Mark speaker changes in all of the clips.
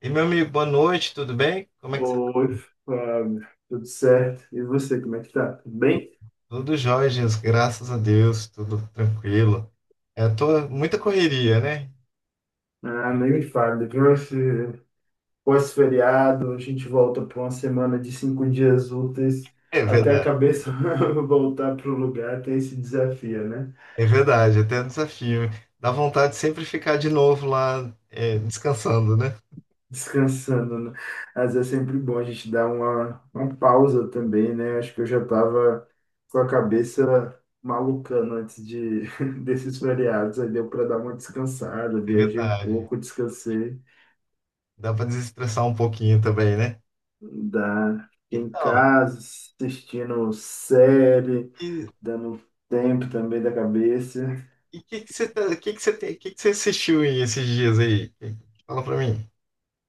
Speaker 1: E meu amigo, boa noite, tudo bem? Como é que você tá?
Speaker 2: Oi, Fábio, tudo certo? E você, como é que tá? Tudo bem?
Speaker 1: Tudo jóia, Jesus, graças a Deus, tudo tranquilo. Tô muita correria, né?
Speaker 2: Ah, nem me fale, depois esse pós-feriado, a gente volta para uma semana de 5 dias úteis
Speaker 1: É
Speaker 2: até a
Speaker 1: verdade,
Speaker 2: cabeça voltar para o lugar, tem esse desafio, né?
Speaker 1: é verdade, até um desafio. Dá vontade de sempre ficar de novo lá, descansando, né?
Speaker 2: Descansando, né? Mas é sempre bom a gente dar uma pausa também, né? Acho que eu já tava com a cabeça malucando antes de, desses feriados, aí deu para dar uma descansada,
Speaker 1: É
Speaker 2: viajei um
Speaker 1: verdade.
Speaker 2: pouco, descansei.
Speaker 1: Dá para desestressar um pouquinho também, né?
Speaker 2: Dá. Fiquei em
Speaker 1: Então,
Speaker 2: casa, assistindo série,
Speaker 1: e
Speaker 2: dando tempo também da cabeça.
Speaker 1: o que que você que você tem, que você assistiu aí esses dias aí? Fala pra mim.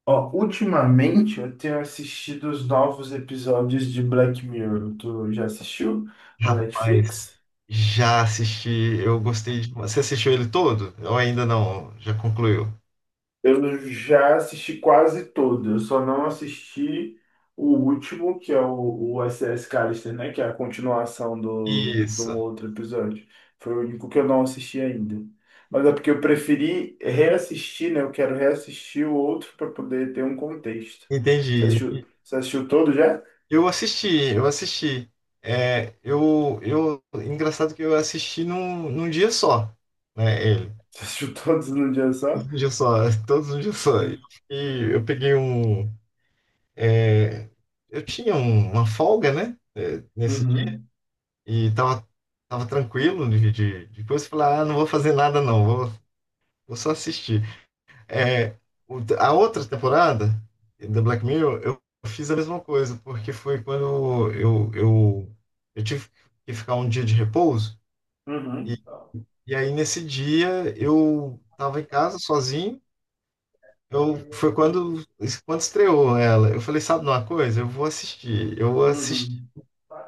Speaker 2: Ó, ultimamente eu tenho assistido os novos episódios de Black Mirror. Tu já assistiu na
Speaker 1: Rapaz,
Speaker 2: Netflix?
Speaker 1: já assisti, eu gostei de. Você assistiu ele todo? Ou ainda não? Já concluiu?
Speaker 2: Eu já assisti quase todo, eu só não assisti o último, que é o SS Callister, né? Que é a continuação de um
Speaker 1: Isso,
Speaker 2: outro episódio. Foi o único que eu não assisti ainda. Mas é porque eu preferi reassistir, né? Eu quero reassistir o outro para poder ter um contexto. Você
Speaker 1: entendi.
Speaker 2: assistiu, você assistiu todo já?
Speaker 1: Eu assisti, eu assisti. Engraçado que eu assisti num dia só, né? Ele.
Speaker 2: Você assistiu todos num dia só?
Speaker 1: Todos um dia só, todos um dia só. E
Speaker 2: Hum.
Speaker 1: eu peguei um. é, Eu tinha uma folga, né? Nesse dia.
Speaker 2: Uhum,
Speaker 1: E tava, tava tranquilo de coisa. Falei, ah, não vou fazer nada, não, vou só assistir. É, a outra temporada da Black Mirror, eu fiz a mesma coisa, porque foi quando eu tive que ficar um dia de repouso, e,
Speaker 2: uhum,
Speaker 1: e aí nesse dia eu estava em casa sozinho, foi quando estreou ela. Eu falei, sabe de uma coisa? Eu vou assistir
Speaker 2: uhum.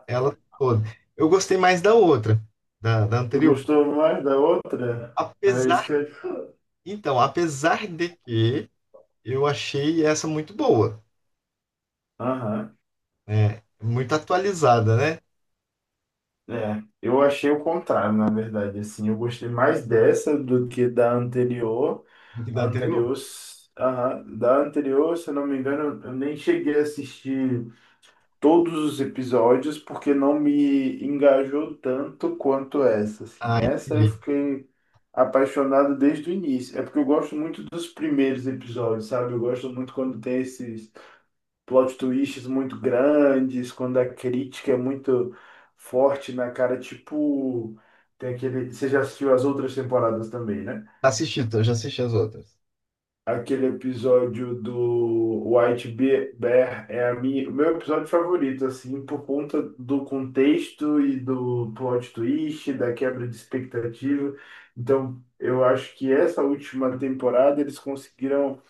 Speaker 1: ela toda. Eu gostei mais da outra, da
Speaker 2: Você
Speaker 1: anterior.
Speaker 2: gostou mais da outra? É
Speaker 1: Apesar,
Speaker 2: isso que eu ia.
Speaker 1: então, apesar de que eu achei essa muito boa.
Speaker 2: Aham,
Speaker 1: Muito atualizada, né?
Speaker 2: é. Eu achei o contrário, na verdade, assim. Eu gostei mais dessa do que da anterior.
Speaker 1: Do que da
Speaker 2: A
Speaker 1: anterior.
Speaker 2: anterior, aham, da anterior, se eu não me engano, eu nem cheguei a assistir todos os episódios porque não me engajou tanto quanto essa, assim.
Speaker 1: Ah,
Speaker 2: Essa eu
Speaker 1: entendi.
Speaker 2: fiquei apaixonado desde o início. É porque eu gosto muito dos primeiros episódios, sabe? Eu gosto muito quando tem esses plot twists muito grandes, quando a crítica é muito forte na cara, tipo, tem aquele, você já assistiu as outras temporadas também, né?
Speaker 1: Assisti, eu já assisti as outras.
Speaker 2: Aquele episódio do Bear é a minha, o meu episódio favorito, assim, por conta do contexto e do plot twist, da quebra de expectativa. Então, eu acho que essa última temporada eles conseguiram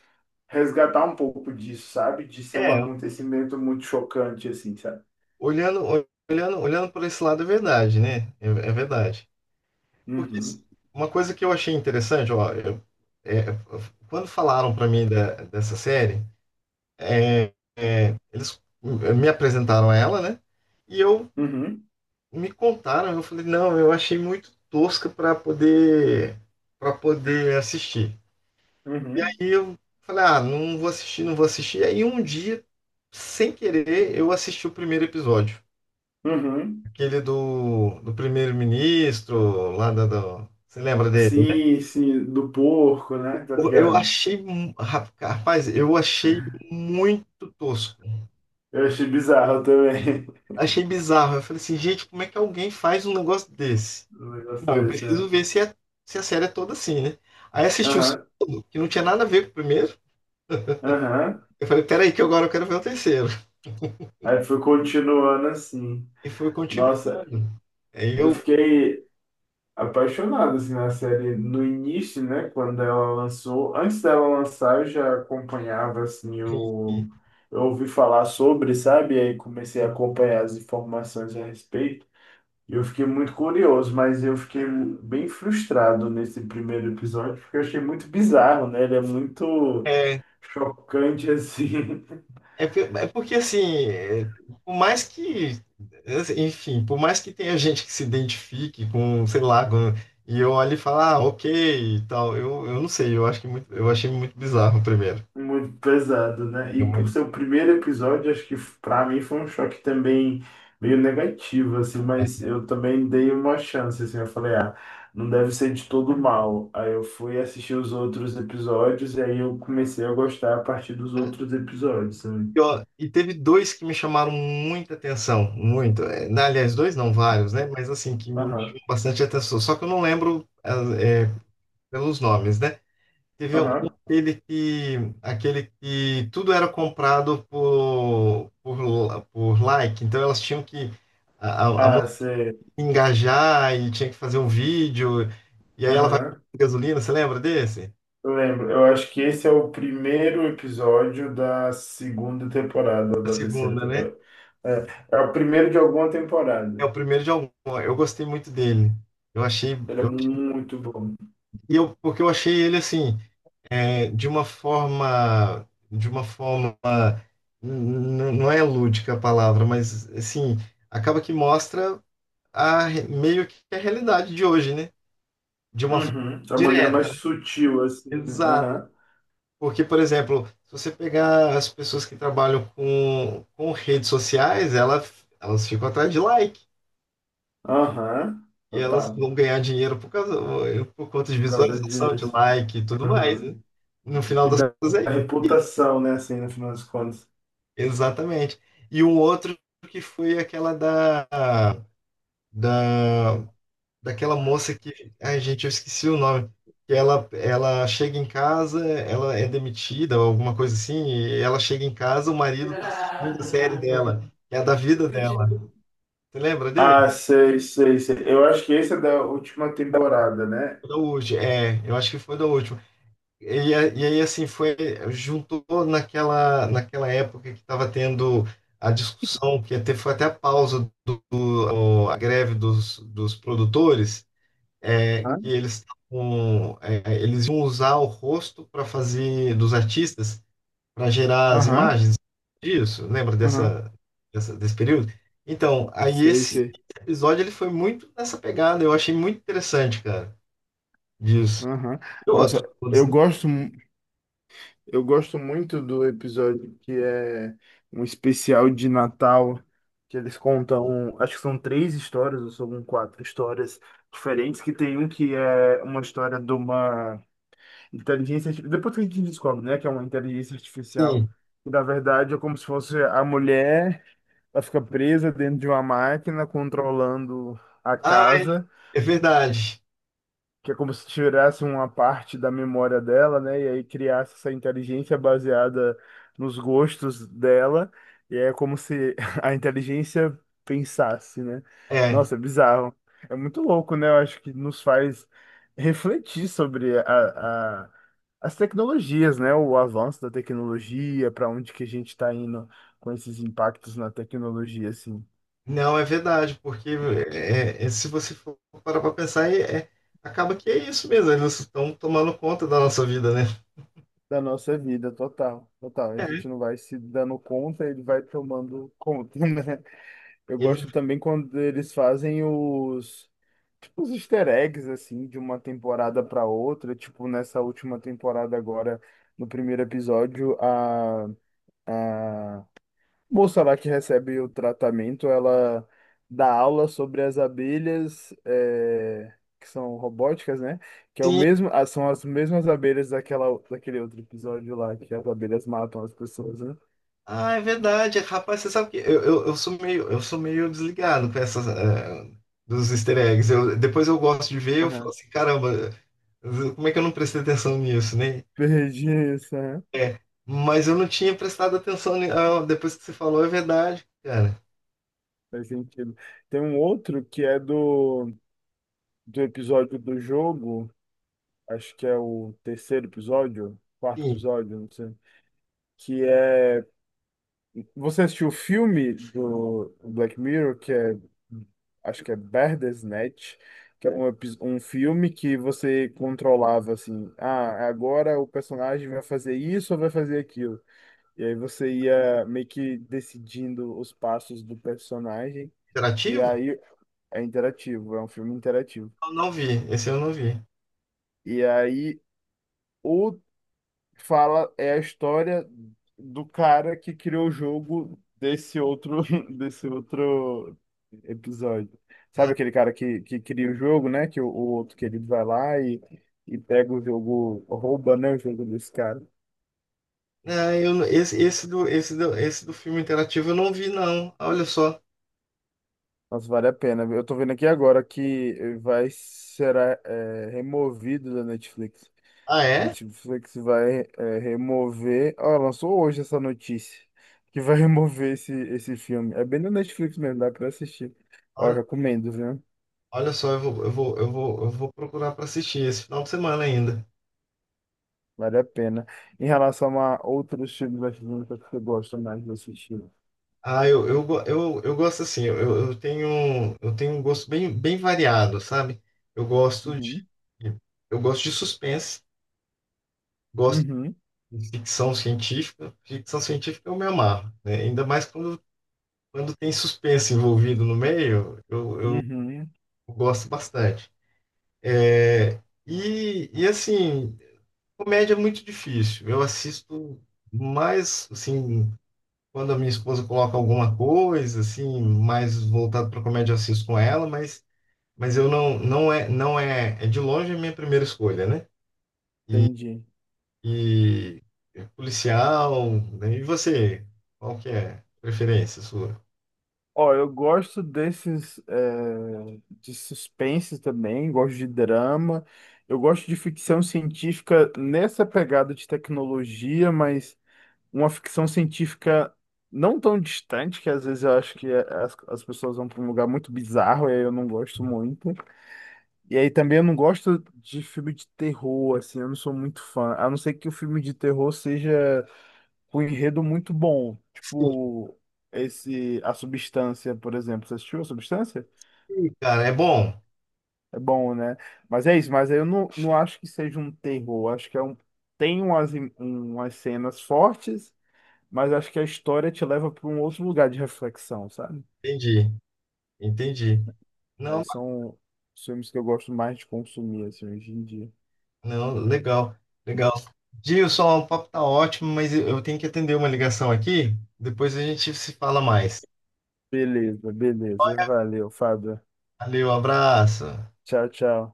Speaker 2: resgatar um pouco disso, sabe? De ser um
Speaker 1: É,
Speaker 2: acontecimento muito chocante, assim, sabe?
Speaker 1: olhando, olhando por esse lado é verdade, né? É, é verdade. Porque
Speaker 2: Uhum,
Speaker 1: uma coisa que eu achei interessante, ó, é, quando falaram para mim dessa série, é, eles me apresentaram ela, né? E eu
Speaker 2: uhum,
Speaker 1: me contaram, eu falei, não, eu achei muito tosca para poder assistir.
Speaker 2: uhum,
Speaker 1: E eu falei, ah, não vou assistir, não vou assistir. Aí um dia, sem querer, eu assisti o primeiro episódio.
Speaker 2: uhum.
Speaker 1: Aquele do primeiro-ministro, lá Você lembra dele, né?
Speaker 2: Sim, sim, do porco, né? Tá
Speaker 1: Eu
Speaker 2: ligado?
Speaker 1: achei, rapaz, eu achei muito tosco.
Speaker 2: Eu achei bizarro também,
Speaker 1: Achei bizarro. Eu falei assim, gente, como é que alguém faz um negócio desse?
Speaker 2: um negócio
Speaker 1: Não, eu
Speaker 2: desse,
Speaker 1: preciso
Speaker 2: né?
Speaker 1: ver se se a série é toda assim, né? Aí assisti o
Speaker 2: Aham,
Speaker 1: segundo, que não tinha nada a ver com o primeiro.
Speaker 2: aham.
Speaker 1: Eu falei, peraí, que agora eu quero ver o terceiro.
Speaker 2: Aí foi continuando assim.
Speaker 1: E foi continuando.
Speaker 2: Nossa,
Speaker 1: Aí
Speaker 2: eu
Speaker 1: eu.
Speaker 2: fiquei apaixonado assim, na série no início, né? Quando ela lançou. Antes dela lançar, eu já acompanhava assim o. Eu ouvi falar sobre, sabe? E aí comecei a acompanhar as informações a respeito. Eu fiquei muito curioso, mas eu fiquei bem frustrado nesse primeiro episódio, porque eu achei muito bizarro, né? Ele é muito
Speaker 1: É,
Speaker 2: chocante, assim,
Speaker 1: é porque assim, por mais que, enfim, por mais que tenha gente que se identifique com, sei lá, e eu olho e falo, ah, ok, e tal, eu não sei, eu achei muito bizarro o primeiro.
Speaker 2: muito pesado, né?
Speaker 1: Eu
Speaker 2: E por ser
Speaker 1: muito-
Speaker 2: o primeiro episódio, acho que pra mim foi um choque também meio negativo, assim, mas eu também dei uma chance, assim, eu falei, ah, não deve ser de todo mal. Aí eu fui assistir os outros episódios e aí eu comecei a gostar a partir dos outros episódios, né?
Speaker 1: Ó, e teve dois que me chamaram muita atenção, muito. Aliás, dois não, vários, né? Mas assim, que me
Speaker 2: Aham,
Speaker 1: chamou bastante atenção. Só que eu não lembro é, pelos nomes, né? Teve um-
Speaker 2: aham.
Speaker 1: aquele aquele que tudo era comprado por like, então elas tinham que, a a
Speaker 2: Ah,
Speaker 1: moça tinha
Speaker 2: sei.
Speaker 1: que engajar e tinha que fazer um vídeo, e aí ela vai com
Speaker 2: Aham.
Speaker 1: gasolina, você lembra desse?
Speaker 2: Eu lembro, eu acho que esse é o primeiro episódio da segunda temporada, ou
Speaker 1: A
Speaker 2: da terceira
Speaker 1: segunda, né?
Speaker 2: temporada. É, é o primeiro de alguma
Speaker 1: É
Speaker 2: temporada.
Speaker 1: o primeiro de algum. Eu gostei muito dele. Eu achei,
Speaker 2: Era
Speaker 1: eu,
Speaker 2: muito bom.
Speaker 1: e eu, porque eu achei ele assim, de uma forma, n- não é lúdica a palavra, mas assim, acaba que mostra. Meio que a realidade de hoje, né? De uma forma
Speaker 2: Uhum. Da maneira mais
Speaker 1: direta, né?
Speaker 2: sutil, assim, né?
Speaker 1: Exato.
Speaker 2: Aham,
Speaker 1: Porque, por exemplo, se você pegar as pessoas que trabalham com redes sociais, elas ficam atrás de like.
Speaker 2: aham,
Speaker 1: E elas
Speaker 2: total.
Speaker 1: vão ganhar dinheiro por conta de
Speaker 2: Por causa
Speaker 1: visualização, de
Speaker 2: disso.
Speaker 1: like e tudo mais,
Speaker 2: Aham.
Speaker 1: né? No final
Speaker 2: E
Speaker 1: das
Speaker 2: da
Speaker 1: contas é isso.
Speaker 2: reputação, né, assim, no final das contas.
Speaker 1: Exatamente. E um outro que foi aquela da daquela moça que, ai, gente, eu esqueci o nome. Ela chega em casa, ela é demitida, ou alguma coisa assim, e ela chega em casa, o marido tá assistindo a série dela, que é a da vida dela. Você lembra dele?
Speaker 2: Ah, sei, sei, sei. Eu acho que esse é da última temporada, né?
Speaker 1: Foi da última, é, eu acho que foi da última. E, aí, assim, foi, juntou naquela época que estava tendo a discussão, que até, foi até a pausa a greve dos produtores. Que
Speaker 2: Hã?
Speaker 1: eles tavam, eles iam usar o rosto para fazer dos artistas para gerar as
Speaker 2: Aham,
Speaker 1: imagens disso. Lembra
Speaker 2: aham.
Speaker 1: desse período? Então, aí
Speaker 2: Sei,
Speaker 1: esse
Speaker 2: sei.
Speaker 1: episódio ele foi muito nessa pegada. Eu achei muito interessante, cara, disso.
Speaker 2: Aham.
Speaker 1: E outros,
Speaker 2: Nossa,
Speaker 1: todos,
Speaker 2: eu
Speaker 1: né?
Speaker 2: gosto, mu- eu gosto muito do episódio que é um especial de Natal, que eles contam, acho que são três histórias, ou são quatro histórias diferentes, que tem um que é uma história de uma depois que a gente descobre, né, que é uma inteligência artificial,
Speaker 1: Sim.
Speaker 2: que na verdade é como se fosse a mulher, ela fica presa dentro de uma máquina controlando a
Speaker 1: Ai,
Speaker 2: casa.
Speaker 1: é verdade.
Speaker 2: Que é como se tirasse uma parte da memória dela, né? E aí criasse essa inteligência baseada nos gostos dela. E é como se a inteligência pensasse, né?
Speaker 1: É.
Speaker 2: Nossa, é bizarro. É muito louco, né? Eu acho que nos faz refletir sobre a- as tecnologias, né? O avanço da tecnologia, para onde que a gente está indo com esses impactos na tecnologia, assim.
Speaker 1: Não, é verdade, porque se você for parar para pensar, acaba que é isso mesmo. Eles estão tomando conta da nossa vida, né?
Speaker 2: Da nossa vida, total, total. A gente não vai se dando conta, ele vai tomando conta, né? Eu
Speaker 1: Ele,
Speaker 2: gosto também quando eles fazem os, tipo, os easter eggs, assim, de uma temporada para outra. Tipo, nessa última temporada agora, no primeiro episódio, a Moça lá que recebe o tratamento, ela dá aula sobre as abelhas, é, que são robóticas, né? Que é o
Speaker 1: sim,
Speaker 2: mesmo, ah, são as mesmas abelhas daquela, daquele outro episódio lá, que as abelhas matam as pessoas, né?
Speaker 1: ah, é verdade. Rapaz, você sabe que eu sou meio desligado com essas, dos easter eggs. Eu, depois eu gosto de ver, eu falo
Speaker 2: Aham.
Speaker 1: assim, caramba, como é que eu não prestei atenção nisso, né?
Speaker 2: Perdi isso, aham.
Speaker 1: É, mas eu não tinha prestado atenção. Depois que você falou, é verdade, cara.
Speaker 2: Faz sentido. Tem um outro que é do, do episódio do jogo, acho que é o terceiro episódio, quarto
Speaker 1: Sim,
Speaker 2: episódio, não sei, que é. Você assistiu o filme do Black Mirror, que é, acho que é Bandersnatch, que é um, um filme que você controlava assim, ah, agora o personagem vai fazer isso ou vai fazer aquilo. E aí você ia meio que decidindo os passos do personagem, e
Speaker 1: interativo?
Speaker 2: aí é interativo, é um filme interativo.
Speaker 1: Eu não vi. Esse eu não vi.
Speaker 2: E aí o fala é a história do cara que criou o jogo desse outro desse outro episódio. Sabe
Speaker 1: Ah,
Speaker 2: aquele cara que cria o jogo, né? Que o outro querido vai lá e pega o jogo, rouba, né, o jogo desse cara.
Speaker 1: ah, eu, não- esse, esse do filme interativo eu não vi, não. Olha só.
Speaker 2: Nossa, vale a pena, viu? Eu tô vendo aqui agora que vai será é, removido da Netflix.
Speaker 1: Ah, é?
Speaker 2: Netflix vai é, remover. Ah, lançou hoje essa notícia que vai remover esse filme. É bem no Netflix mesmo, dá pra assistir. Ó, eu
Speaker 1: Olha,
Speaker 2: recomendo, viu?
Speaker 1: olha só, eu vou, eu vou, eu vou, eu vou procurar para assistir esse final de semana ainda.
Speaker 2: Vale a pena. Em relação a outros filmes brasileiros que você gosta mais de assistir.
Speaker 1: Eu gosto assim, eu tenho um gosto bem, bem variado, sabe? Eu gosto de,
Speaker 2: Uhum.
Speaker 1: eu gosto de suspense, gosto
Speaker 2: Uhum,
Speaker 1: de ficção científica. Ficção científica eu me amarro, né? Ainda mais quando tem suspense envolvido no meio, eu
Speaker 2: uhum,
Speaker 1: gosto bastante. É, e assim, comédia é muito difícil. Eu assisto mais, assim, quando a minha esposa coloca alguma coisa, assim, mais voltado para comédia, eu assisto com ela, mas eu não, não é, é de longe a minha primeira escolha, né? E,
Speaker 2: entendi.
Speaker 1: e é policial, né? E você, qual que é a preferência sua?
Speaker 2: Ó, eu gosto desses é, de suspense também, gosto de drama, eu gosto de ficção científica nessa pegada de tecnologia, mas uma ficção científica não tão distante, que às vezes eu acho que é, as pessoas vão para um lugar muito bizarro, e aí eu não gosto muito. E aí também eu não gosto de filme de terror, assim, eu não sou muito fã. A não ser que o filme de terror seja com um enredo muito bom.
Speaker 1: Sim,
Speaker 2: Tipo, esse, A Substância, por exemplo. Você assistiu A Substância?
Speaker 1: sim, cara, é bom.
Speaker 2: É bom, né? Mas é isso, mas aí eu não acho que seja um terror. Acho que é um, tem umas, umas cenas fortes. Mas acho que a história te leva para um outro lugar de reflexão, sabe?
Speaker 1: Entendi, entendi.
Speaker 2: Aí
Speaker 1: Não,
Speaker 2: são os filmes que eu gosto mais de consumir, assim, hoje em dia.
Speaker 1: não, legal, legal. Gilson, o papo tá ótimo, mas eu tenho que atender uma ligação aqui. Depois a gente se fala mais.
Speaker 2: Beleza, beleza. Valeu, Fábio.
Speaker 1: Valeu, abraço.
Speaker 2: Tchau, tchau.